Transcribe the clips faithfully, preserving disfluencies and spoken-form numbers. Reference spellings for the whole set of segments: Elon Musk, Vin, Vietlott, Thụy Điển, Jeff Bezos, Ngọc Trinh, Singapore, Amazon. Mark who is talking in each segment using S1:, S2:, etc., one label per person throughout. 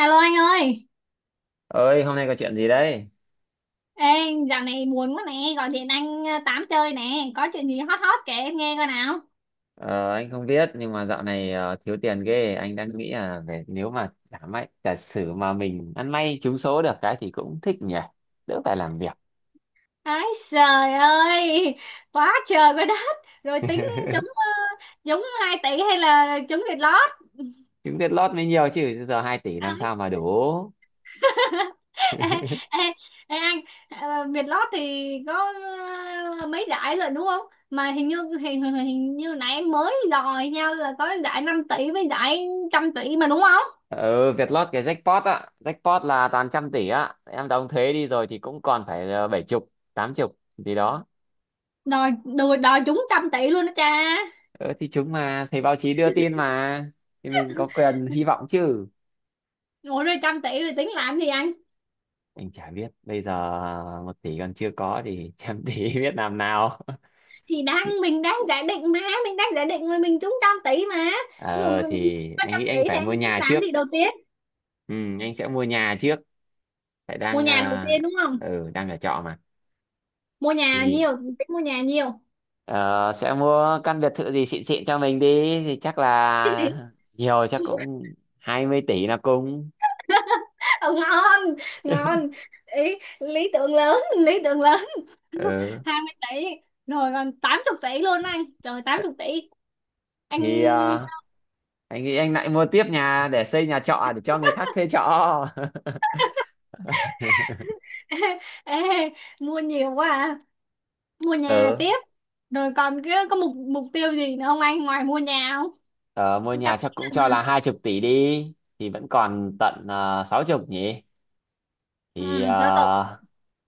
S1: Alo anh ơi,
S2: Ơi, hôm nay có chuyện gì đấy?
S1: ê, dạo này buồn quá nè, gọi điện anh, ờ, tám chơi nè, có chuyện gì hot hot kể em nghe coi nào.
S2: ờ, anh không biết, nhưng mà dạo này ờ, thiếu tiền ghê. Anh đang nghĩ là về nếu mà giả may giả sử mà mình ăn may trúng số được cái thì cũng thích nhỉ. Đỡ phải làm việc.
S1: Ái, trời ơi, quá trời quá đất! Rồi tính trúng ờ, trúng hai tỷ hay là trúng Việt lót.
S2: Trúng Vietlott mới nhiều chứ, giờ hai tỷ làm
S1: Ái,
S2: sao mà đủ.
S1: ê, ê, ê, anh, ờ, Việt lót thì có ờ, mấy giải rồi đúng không? Mà hình như hình, hình hình như nãy em mới dò nhau là có giải năm tỷ với giải trăm tỷ mà đúng không?
S2: Ừ, Vietlott cái jackpot á, jackpot là toàn trăm tỷ á. Em đóng thuế đi rồi thì cũng còn phải ờ, bảy chục tám chục gì đó.
S1: Đòi đòi, đòi trúng trăm tỷ luôn đó cha.
S2: ờ, thì chúng mà thấy báo chí đưa tin mà, thì mình có quyền hy vọng chứ.
S1: Ủa rồi trăm tỷ rồi tính làm gì anh?
S2: Anh chả biết bây giờ, một tỷ còn chưa có thì trăm tỷ biết làm nào.
S1: Thì đang mình đang giả định mà, mình đang giả định rồi mình trúng trăm tỷ mà. Ví dụ
S2: ờ
S1: mình
S2: thì
S1: có
S2: anh
S1: trăm
S2: nghĩ anh
S1: tỷ thì
S2: phải
S1: anh
S2: mua
S1: tính
S2: nhà trước.
S1: làm gì đầu tiên?
S2: Ừ, anh sẽ mua nhà trước. phải
S1: Mua
S2: đang
S1: nhà đầu
S2: ờ,
S1: tiên đúng không?
S2: ừ, đang ở trọ mà.
S1: Mua nhà
S2: Thì
S1: nhiều, tính mua nhà nhiều.
S2: ờ, sẽ mua căn biệt thự gì xịn xịn cho mình đi. Thì chắc là nhiều, chắc cũng hai mươi tỷ là cùng.
S1: Ờ, ngon, ngon. Ý, lý tưởng lớn, lý tưởng lớn.
S2: Ừ,
S1: Hai mươi tỷ, rồi còn tám mươi tỷ luôn anh. Trời, tám chục tỷ. Anh,
S2: thì ờ, anh nghĩ anh lại mua tiếp nhà để xây nhà trọ để cho người khác thuê trọ.
S1: ê, mua nhiều quá à. Mua nhà
S2: Ừ.
S1: tiếp. Rồi còn cái có mục mục tiêu gì nữa không anh ngoài mua nhà không?
S2: Ờ, Mua
S1: Trăm
S2: nhà
S1: tỷ
S2: chắc cũng cho là
S1: lần.
S2: hai chục tỷ đi, thì vẫn còn tận uh, sáu chục nhỉ. Thì
S1: Ừ, giáo tộc.
S2: ờ,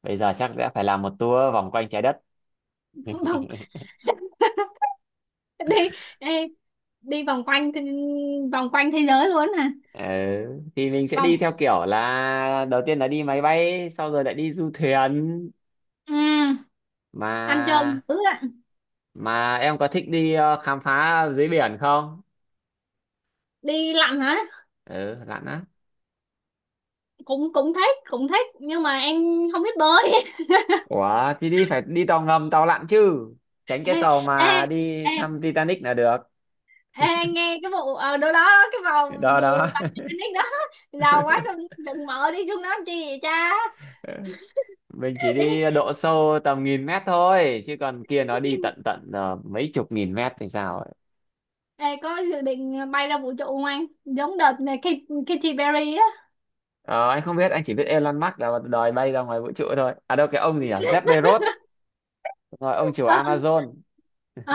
S2: bây giờ chắc sẽ phải làm một tour vòng quanh trái đất.
S1: vòng đi, đi đi vòng quanh thế- vòng quanh thế giới luôn hả?
S2: Ừ. Thì mình sẽ
S1: Vòng,
S2: đi theo kiểu là đầu tiên là đi máy bay, sau rồi lại đi du thuyền.
S1: ừ,
S2: mà
S1: ăn chơi dữ ạ.
S2: mà em có thích đi ờ, khám phá dưới biển không?
S1: Đi lặn hả?
S2: Ừ, lặn á.
S1: Cũng cũng thích cũng thích nhưng mà em không biết bơi.
S2: Ủa, thì đi phải đi tàu ngầm, tàu lặn chứ. Tránh cái
S1: ê,
S2: tàu
S1: ê,
S2: mà đi
S1: ê,
S2: thăm Titanic là được.
S1: ê, anh nghe cái vụ ở đâu đó đó, cái vào
S2: Đó, đó.
S1: vụ tập đó giàu quá xong đừng mở đi xuống đó làm chi vậy cha.
S2: Mình chỉ
S1: đi,
S2: đi độ sâu tầm nghìn mét thôi, chứ còn kia nó đi tận tận ờ, mấy chục nghìn mét thì sao ấy.
S1: ê, có dự định bay ra vũ trụ không anh, giống đợt này Katy Katy Perry á?
S2: Ờ, anh không biết, anh chỉ biết Elon Musk là đòi bay ra ngoài vũ trụ thôi, à đâu, cái ông gì nhỉ, Jeff Bezos, rồi ông chủ
S1: Ờ,
S2: Amazon.
S1: ờ.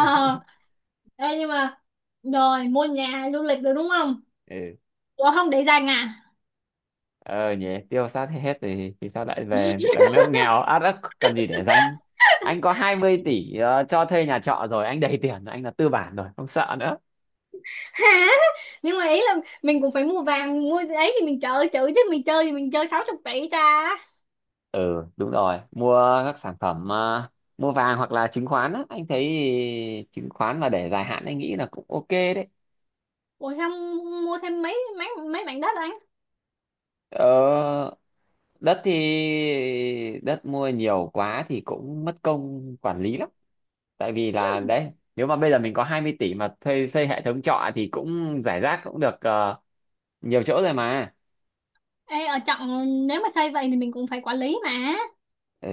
S1: Ê, nhưng mà rồi mua nhà du lịch được đúng không?
S2: Ừ.
S1: Ủa không để dành à?
S2: ờ Nhỉ, tiêu sát hết thì thì sao lại về tầng lớp nghèo át ức, cần gì để danh. Anh có hai mươi tỷ ờ, cho thuê nhà trọ rồi, anh đầy tiền rồi, anh là tư bản rồi, không sợ nữa.
S1: Hả, nhưng mà ý là mình cũng phải mua vàng mua ấy thì mình chơi chữ chứ mình chơi thì mình chơi sáu chục tỷ ra.
S2: Ừ, đúng rồi, mua các sản phẩm, ờ, mua vàng hoặc là chứng khoán á. Anh thấy chứng khoán mà để dài hạn anh nghĩ là cũng ok đấy.
S1: Ủa không, mua thêm mấy mấy mấy mảnh đất anh.
S2: ờ, Đất thì đất mua nhiều quá thì cũng mất công quản lý lắm. Tại vì là
S1: Ừ.
S2: đấy, nếu mà bây giờ mình có hai mươi tỷ mà thuê xây hệ thống trọ thì cũng giải rác cũng được ờ, nhiều chỗ rồi mà.
S1: Ê, ở trọng nếu mà xây vậy thì mình cũng phải quản lý mà,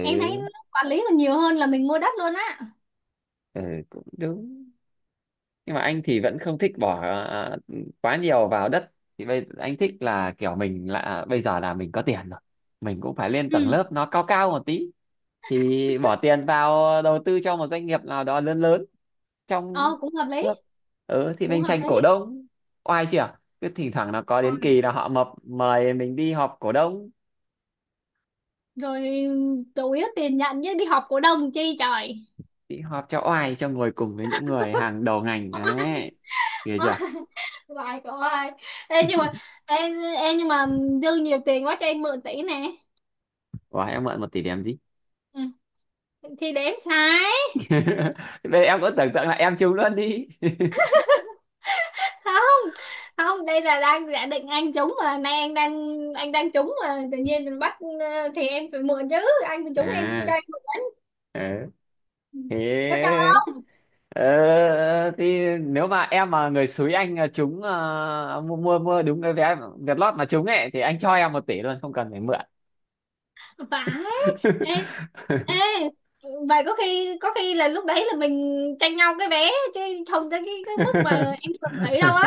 S1: em thấy quản lý còn nhiều hơn là mình mua đất luôn á.
S2: ừ Cũng đúng, nhưng mà anh thì vẫn không thích bỏ à, quá nhiều vào đất. Thì bây anh thích là kiểu mình là à, bây giờ là mình có tiền rồi, mình cũng phải lên tầng
S1: Ừ,
S2: lớp nó cao cao một tí. Thì bỏ tiền vào đầu tư cho một doanh nghiệp nào đó lớn lớn trong
S1: ờ cũng hợp lý,
S2: nước. Ừ, thì
S1: cũng
S2: mình
S1: hợp
S2: tranh
S1: lý.
S2: cổ đông, oai chưa. Cứ thỉnh thoảng nó có
S1: Ờ,
S2: đến kỳ là họ mập mời mình đi họp cổ đông.
S1: rồi chủ yếu tiền nhận chứ đi họp cổ đông chi trời.
S2: Thì họp cho oai, cho ngồi cùng với những người hàng đầu ngành đấy, hiểu chưa.
S1: lại cậu ơi. Ê nhưng mà, ê, ê nhưng mà dư nhiều tiền quá cho em mượn tỷ nè.
S2: Ủa, em mượn một tỷ để làm gì?
S1: Ừ, thì đếm sai.
S2: Bây giờ em cũng tưởng tượng là em trúng luôn đi.
S1: Không không, đây là đang giả định anh trúng mà, nay anh đang, anh đang trúng mà tự nhiên mình bắt, ờ, thì em phải mượn chứ. Anh mà trúng em
S2: À,
S1: cho em mượn đấy.
S2: ờ.
S1: Ừ. Có cho
S2: Thế ờ, thì nếu mà em mà người xúi anh ờ, trúng, ờ, mua mua mua đúng cái vé Vietlott mà trúng ấy thì anh cho em một tỷ luôn, không cần phải mượn.
S1: anh phải, ê, ê, vậy có khi, có khi là lúc đấy là mình tranh nhau cái vé chứ không tới cái cái mức mà em cần tỷ đâu á,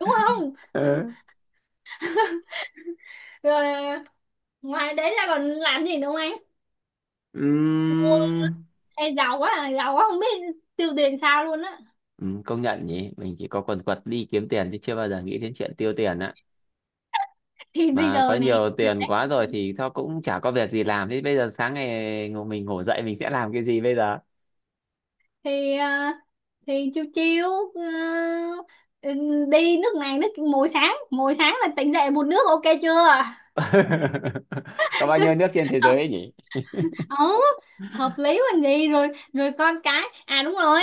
S1: đúng không?
S2: Ờ.
S1: Rồi ngoài đấy ra còn làm gì nữa không anh?
S2: Ừm,
S1: Ê, giàu quá à, giàu quá không biết tiêu tiền sao luôn á.
S2: ừm, Công nhận nhỉ, mình chỉ có quần quật đi kiếm tiền chứ chưa bao giờ nghĩ đến chuyện tiêu tiền á.
S1: Thì bây
S2: Mà có
S1: giờ này
S2: nhiều
S1: được
S2: tiền
S1: đấy.
S2: quá rồi thì thôi cũng chả có việc gì làm. Thế bây giờ sáng ngày ngủ- mình ngủ dậy mình sẽ làm cái gì bây giờ?
S1: Thì ờ, thì chiêu chiêu, ờ, ừ, đi nước này nước, mỗi sáng, mỗi sáng là tỉnh dậy một nước ok chưa?
S2: Có bao nhiêu nước trên thế giới
S1: hợp,
S2: ấy nhỉ?
S1: ừ, hợp lý còn gì. Rồi, rồi con cái, à đúng rồi,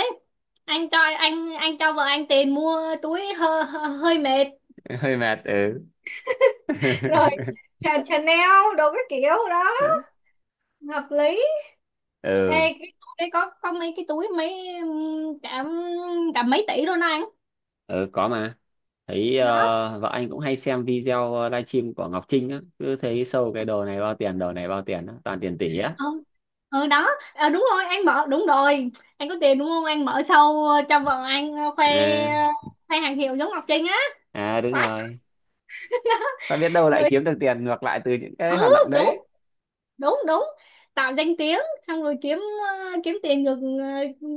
S1: anh cho anh anh cho vợ anh tiền mua túi, hơi, hơi mệt.
S2: Hơi mệt, ừ.
S1: rồi Chanel đồ cái kiểu đó hợp lý. Ê,
S2: Ừ,
S1: cái túi đấy có có mấy cái túi mấy, ừm, cả, cả mấy tỷ luôn đó anh.
S2: ừ, có mà. Thấy
S1: Đó,
S2: ờ, vợ anh cũng hay xem video ờ, livestream của Ngọc Trinh á, cứ thấy sâu cái đồ này bao tiền, đồ này bao tiền á, toàn tiền tỷ á.
S1: ừ, ừ đó. Ờ, đúng rồi, anh mở đúng rồi, anh có tiền đúng không, anh mở sâu cho vợ anh khoe,
S2: À,
S1: khoe hàng hiệu giống Ngọc Trinh á.
S2: à đúng
S1: Quá.
S2: rồi. Ta biết đâu lại
S1: rồi,
S2: kiếm được tiền ngược lại từ những
S1: ừ,
S2: cái hoạt động
S1: đúng
S2: đấy.
S1: đúng đúng, tạo danh tiếng xong rồi kiếm, ờ, kiếm tiền ngược, ờ,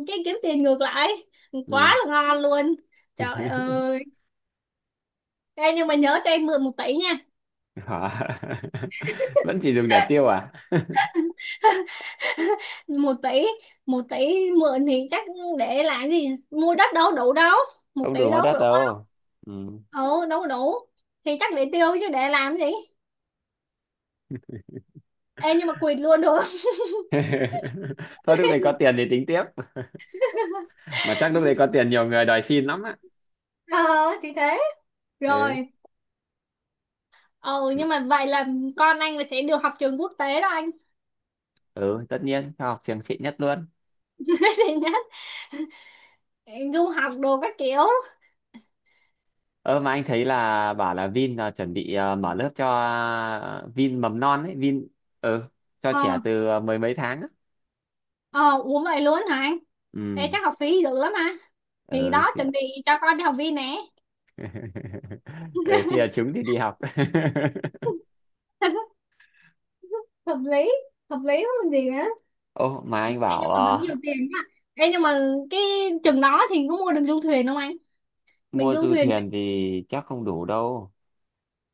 S1: cái kiếm tiền ngược lại quá
S2: Ừ.
S1: là ngon luôn. Trời ơi. Ê, nhưng mà nhớ cho em mượn một tỷ.
S2: Hả? Vẫn chỉ dùng để tiêu à?
S1: một tỷ, một tỷ mượn thì chắc để làm gì, mua đất đâu đủ đâu, một
S2: Không đủ
S1: tỷ
S2: mua
S1: đâu
S2: đất
S1: đủ.
S2: đâu. Ừ.
S1: Ừ đâu đủ, thì chắc để tiêu chứ để làm gì. Ê nhưng mà quỵt luôn được không?
S2: Thôi lúc này có tiền thì tính tiếp, mà chắc lúc đấy có tiền nhiều người đòi xin lắm á.
S1: ờ thì thế.
S2: Ừ.
S1: Rồi, ừ, nhưng
S2: M-
S1: mà vậy là con anh là sẽ được học trường quốc tế đó anh.
S2: ừ, tất nhiên cho học trường xịn nhất luôn.
S1: nó sẽ nhất, du học đồ các kiểu.
S2: Ơ mà anh thấy là bảo là Vin là chuẩn bị ờ, mở lớp cho, ờ, Vin mầm non ấy, Vin. Ừ, cho
S1: Ờ,
S2: trẻ từ ờ, mười mấy tháng á.
S1: ờ uống vậy luôn hả anh? Ê
S2: Ừ.
S1: chắc học phí được lắm mà. Thì
S2: Ừ,
S1: đó,
S2: thì-
S1: chuẩn bị cho con đi học viên nè.
S2: ừ khi là chúng thì đi học.
S1: hợp lý, hợp lý không còn gì nữa.
S2: Ô mà
S1: Ê,
S2: anh bảo,
S1: nhưng mà vẫn
S2: ờ,
S1: nhiều tiền nha. Ê, nhưng mà cái chừng đó thì có mua được du thuyền không anh? Mình
S2: mua
S1: du
S2: du
S1: thuyền.
S2: thuyền thì chắc không đủ đâu.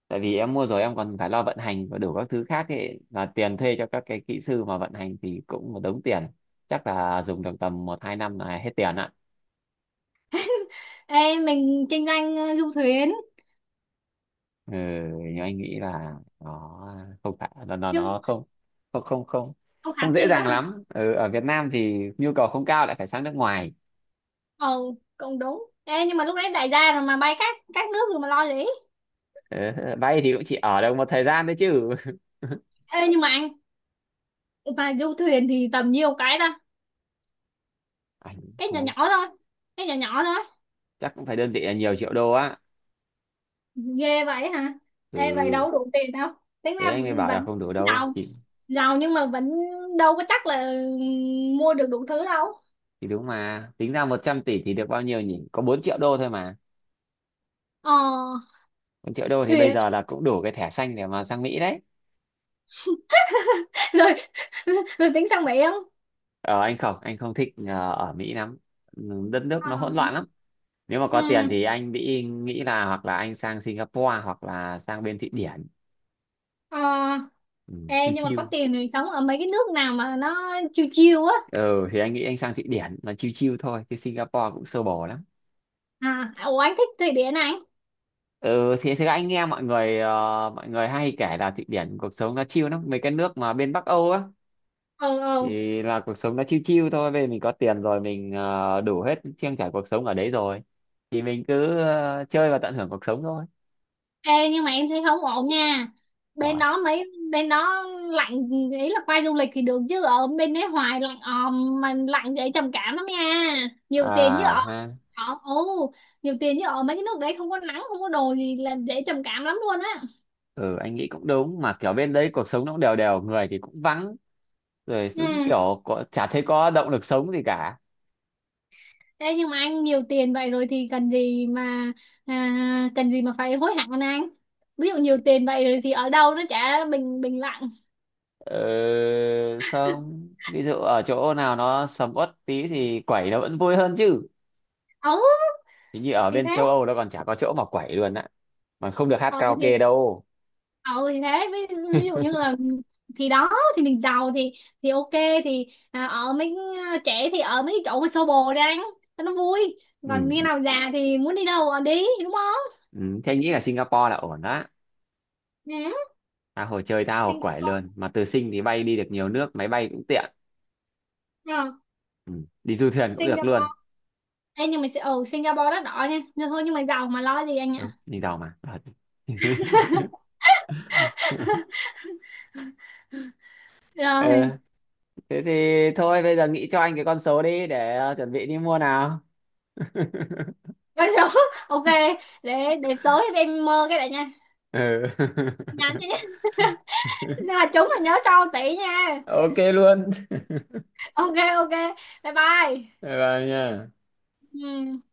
S2: Tại vì em mua rồi em còn phải lo vận hành và đủ các thứ khác ấy, là tiền thuê cho các cái kỹ sư mà vận hành thì cũng một đống tiền. Chắc là dùng được tầm một hai năm là hết tiền ạ.
S1: Ê, mình kinh doanh ờ, du thuyền.
S2: Ừ, nhưng anh nghĩ là nó không phải là nó
S1: Nhưng
S2: nó không không không không
S1: không khả
S2: không dễ
S1: thi
S2: dàng
S1: lắm à?
S2: lắm. Ừ, ở Việt Nam thì nhu cầu không cao, lại phải sang nước ngoài.
S1: Ờ cũng đúng. Ê, nhưng mà lúc đấy đại gia rồi mà bay các các nước rồi mà lo gì.
S2: Ừ, vay thì cũng chỉ ở được một thời gian đấy chứ.
S1: Ê, nhưng mà anh mà du thuyền thì tầm nhiêu cái ta?
S2: Anh
S1: Cái nhỏ
S2: không biết,
S1: nhỏ thôi, cái nhỏ nhỏ thôi.
S2: chắc cũng phải đơn vị là nhiều triệu đô á.
S1: Ghê vậy hả?
S2: Ừ,
S1: Ê, vậy đâu đủ tiền đâu, tính
S2: thế
S1: ra
S2: anh mới
S1: vẫn
S2: bảo là
S1: vẫn
S2: không đủ đâu,
S1: giàu,
S2: chỉ
S1: giàu nhưng mà vẫn đâu có chắc là mua được đủ thứ đâu.
S2: thì đúng mà, tính ra một trăm tỷ thì được bao nhiêu nhỉ, có bốn triệu đô thôi mà.
S1: Ờ
S2: Bốn triệu đô thì bây
S1: thuyền.
S2: giờ là cũng đủ cái thẻ xanh để mà sang Mỹ đấy.
S1: Lười, lười tính sang Mỹ không?
S2: ờ anh không anh không thích ờ, ở Mỹ lắm. Ừ, đất nước
S1: Ờ,
S2: nó hỗn loạn lắm. Nếu mà
S1: ừ,
S2: có tiền thì anh nghĩ nghĩ là hoặc là anh sang Singapore hoặc là sang bên Thụy Điển.
S1: ờ,
S2: Ừ,
S1: ê,
S2: chill
S1: nhưng mà
S2: chill.
S1: có tiền thì sống ở mấy cái nước nào mà nó chill chill á?
S2: Ừ thì anh nghĩ anh sang Thụy Điển là chill chill thôi, chứ Singapore cũng sơ bồ lắm.
S1: À ủa anh thích Thụy Điển này.
S2: Ừ thì thế anh nghe mọi người ờ, mọi người hay kể là Thụy Điển cuộc sống nó chill lắm, mấy cái nước mà bên Bắc Âu á.
S1: Ừ, ừ.
S2: Thì là cuộc sống nó chill chill thôi. Bây giờ mình có tiền rồi, mình ờ, đủ hết trang trải cuộc sống ở đấy rồi. Thì mình cứ ờ, chơi và tận hưởng cuộc sống thôi.
S1: Ê nhưng mà em thấy không ổn nha, bên
S2: Wow.
S1: đó mấy bên đó lạnh, ý là qua du lịch thì được chứ ở bên đấy hoài lạnh òm mà lạnh dễ trầm cảm lắm nha. Nhiều tiền chứ ở,
S2: À ha.
S1: ở, ừ, nhiều tiền chứ ở mấy cái nước đấy không có nắng không có đồ gì là dễ trầm cảm lắm luôn á.
S2: Ừ, anh nghĩ cũng đúng, mà kiểu bên đấy cuộc sống nó cũng đều đều, người thì cũng vắng, rồi cũng
S1: Ừ.
S2: kiểu có, chả thấy có động lực sống gì cả.
S1: Ê, nhưng mà anh nhiều tiền vậy rồi thì cần gì mà, à, cần gì mà phải hối hận anh anh ví dụ nhiều tiền vậy rồi thì ở đâu nó chả bình bình lặng.
S2: Ừ, không, ví dụ ở chỗ nào nó sầm uất tí thì quẩy nó vẫn vui hơn chứ.
S1: Ừ
S2: Hình như ở
S1: thì
S2: bên
S1: thế.
S2: châu Âu nó còn chả có chỗ mà quẩy luôn á, mà không được hát
S1: Ừ thì,
S2: karaoke đâu.
S1: ừ thì thế ví, ví dụ như là, thì đó, thì mình giàu thì thì ok, thì à, ở mấy, à, trẻ thì ở mấy cái chỗ mà xô bồ đi anh cho nó vui. Còn khi
S2: Ừ.
S1: nào già thì muốn đi đâu ở đi đúng không?
S2: Ừ, thế anh nghĩ là Singapore là ổn đó.
S1: Nè.
S2: Tha hồ chơi, tha hồ quẩy
S1: Singapore.
S2: luôn. Mà từ Sing thì bay đi được nhiều nước, máy bay cũng tiện.
S1: Ờ,
S2: Ừ, đi du thuyền cũng được luôn.
S1: Singapore. Ê, nhưng mà ở Singapore rất đỏ nha nhưng thôi nhưng mà giàu mà lo gì anh ạ.
S2: Ừ, mình giàu mà. Thật.
S1: Rồi.
S2: Ờ, thế thì thôi bây giờ nghĩ cho anh cái con số đi để ờ, chuẩn bị đi mua nào.
S1: Con số ok. để để tối em mơ cái này nha,
S2: Ừ.
S1: nhắn cho nhá. là chúng là nhớ cho tỷ nha.
S2: Ok luôn.
S1: Ok, ok, bye bye.
S2: Bye bye nha.
S1: Ừ.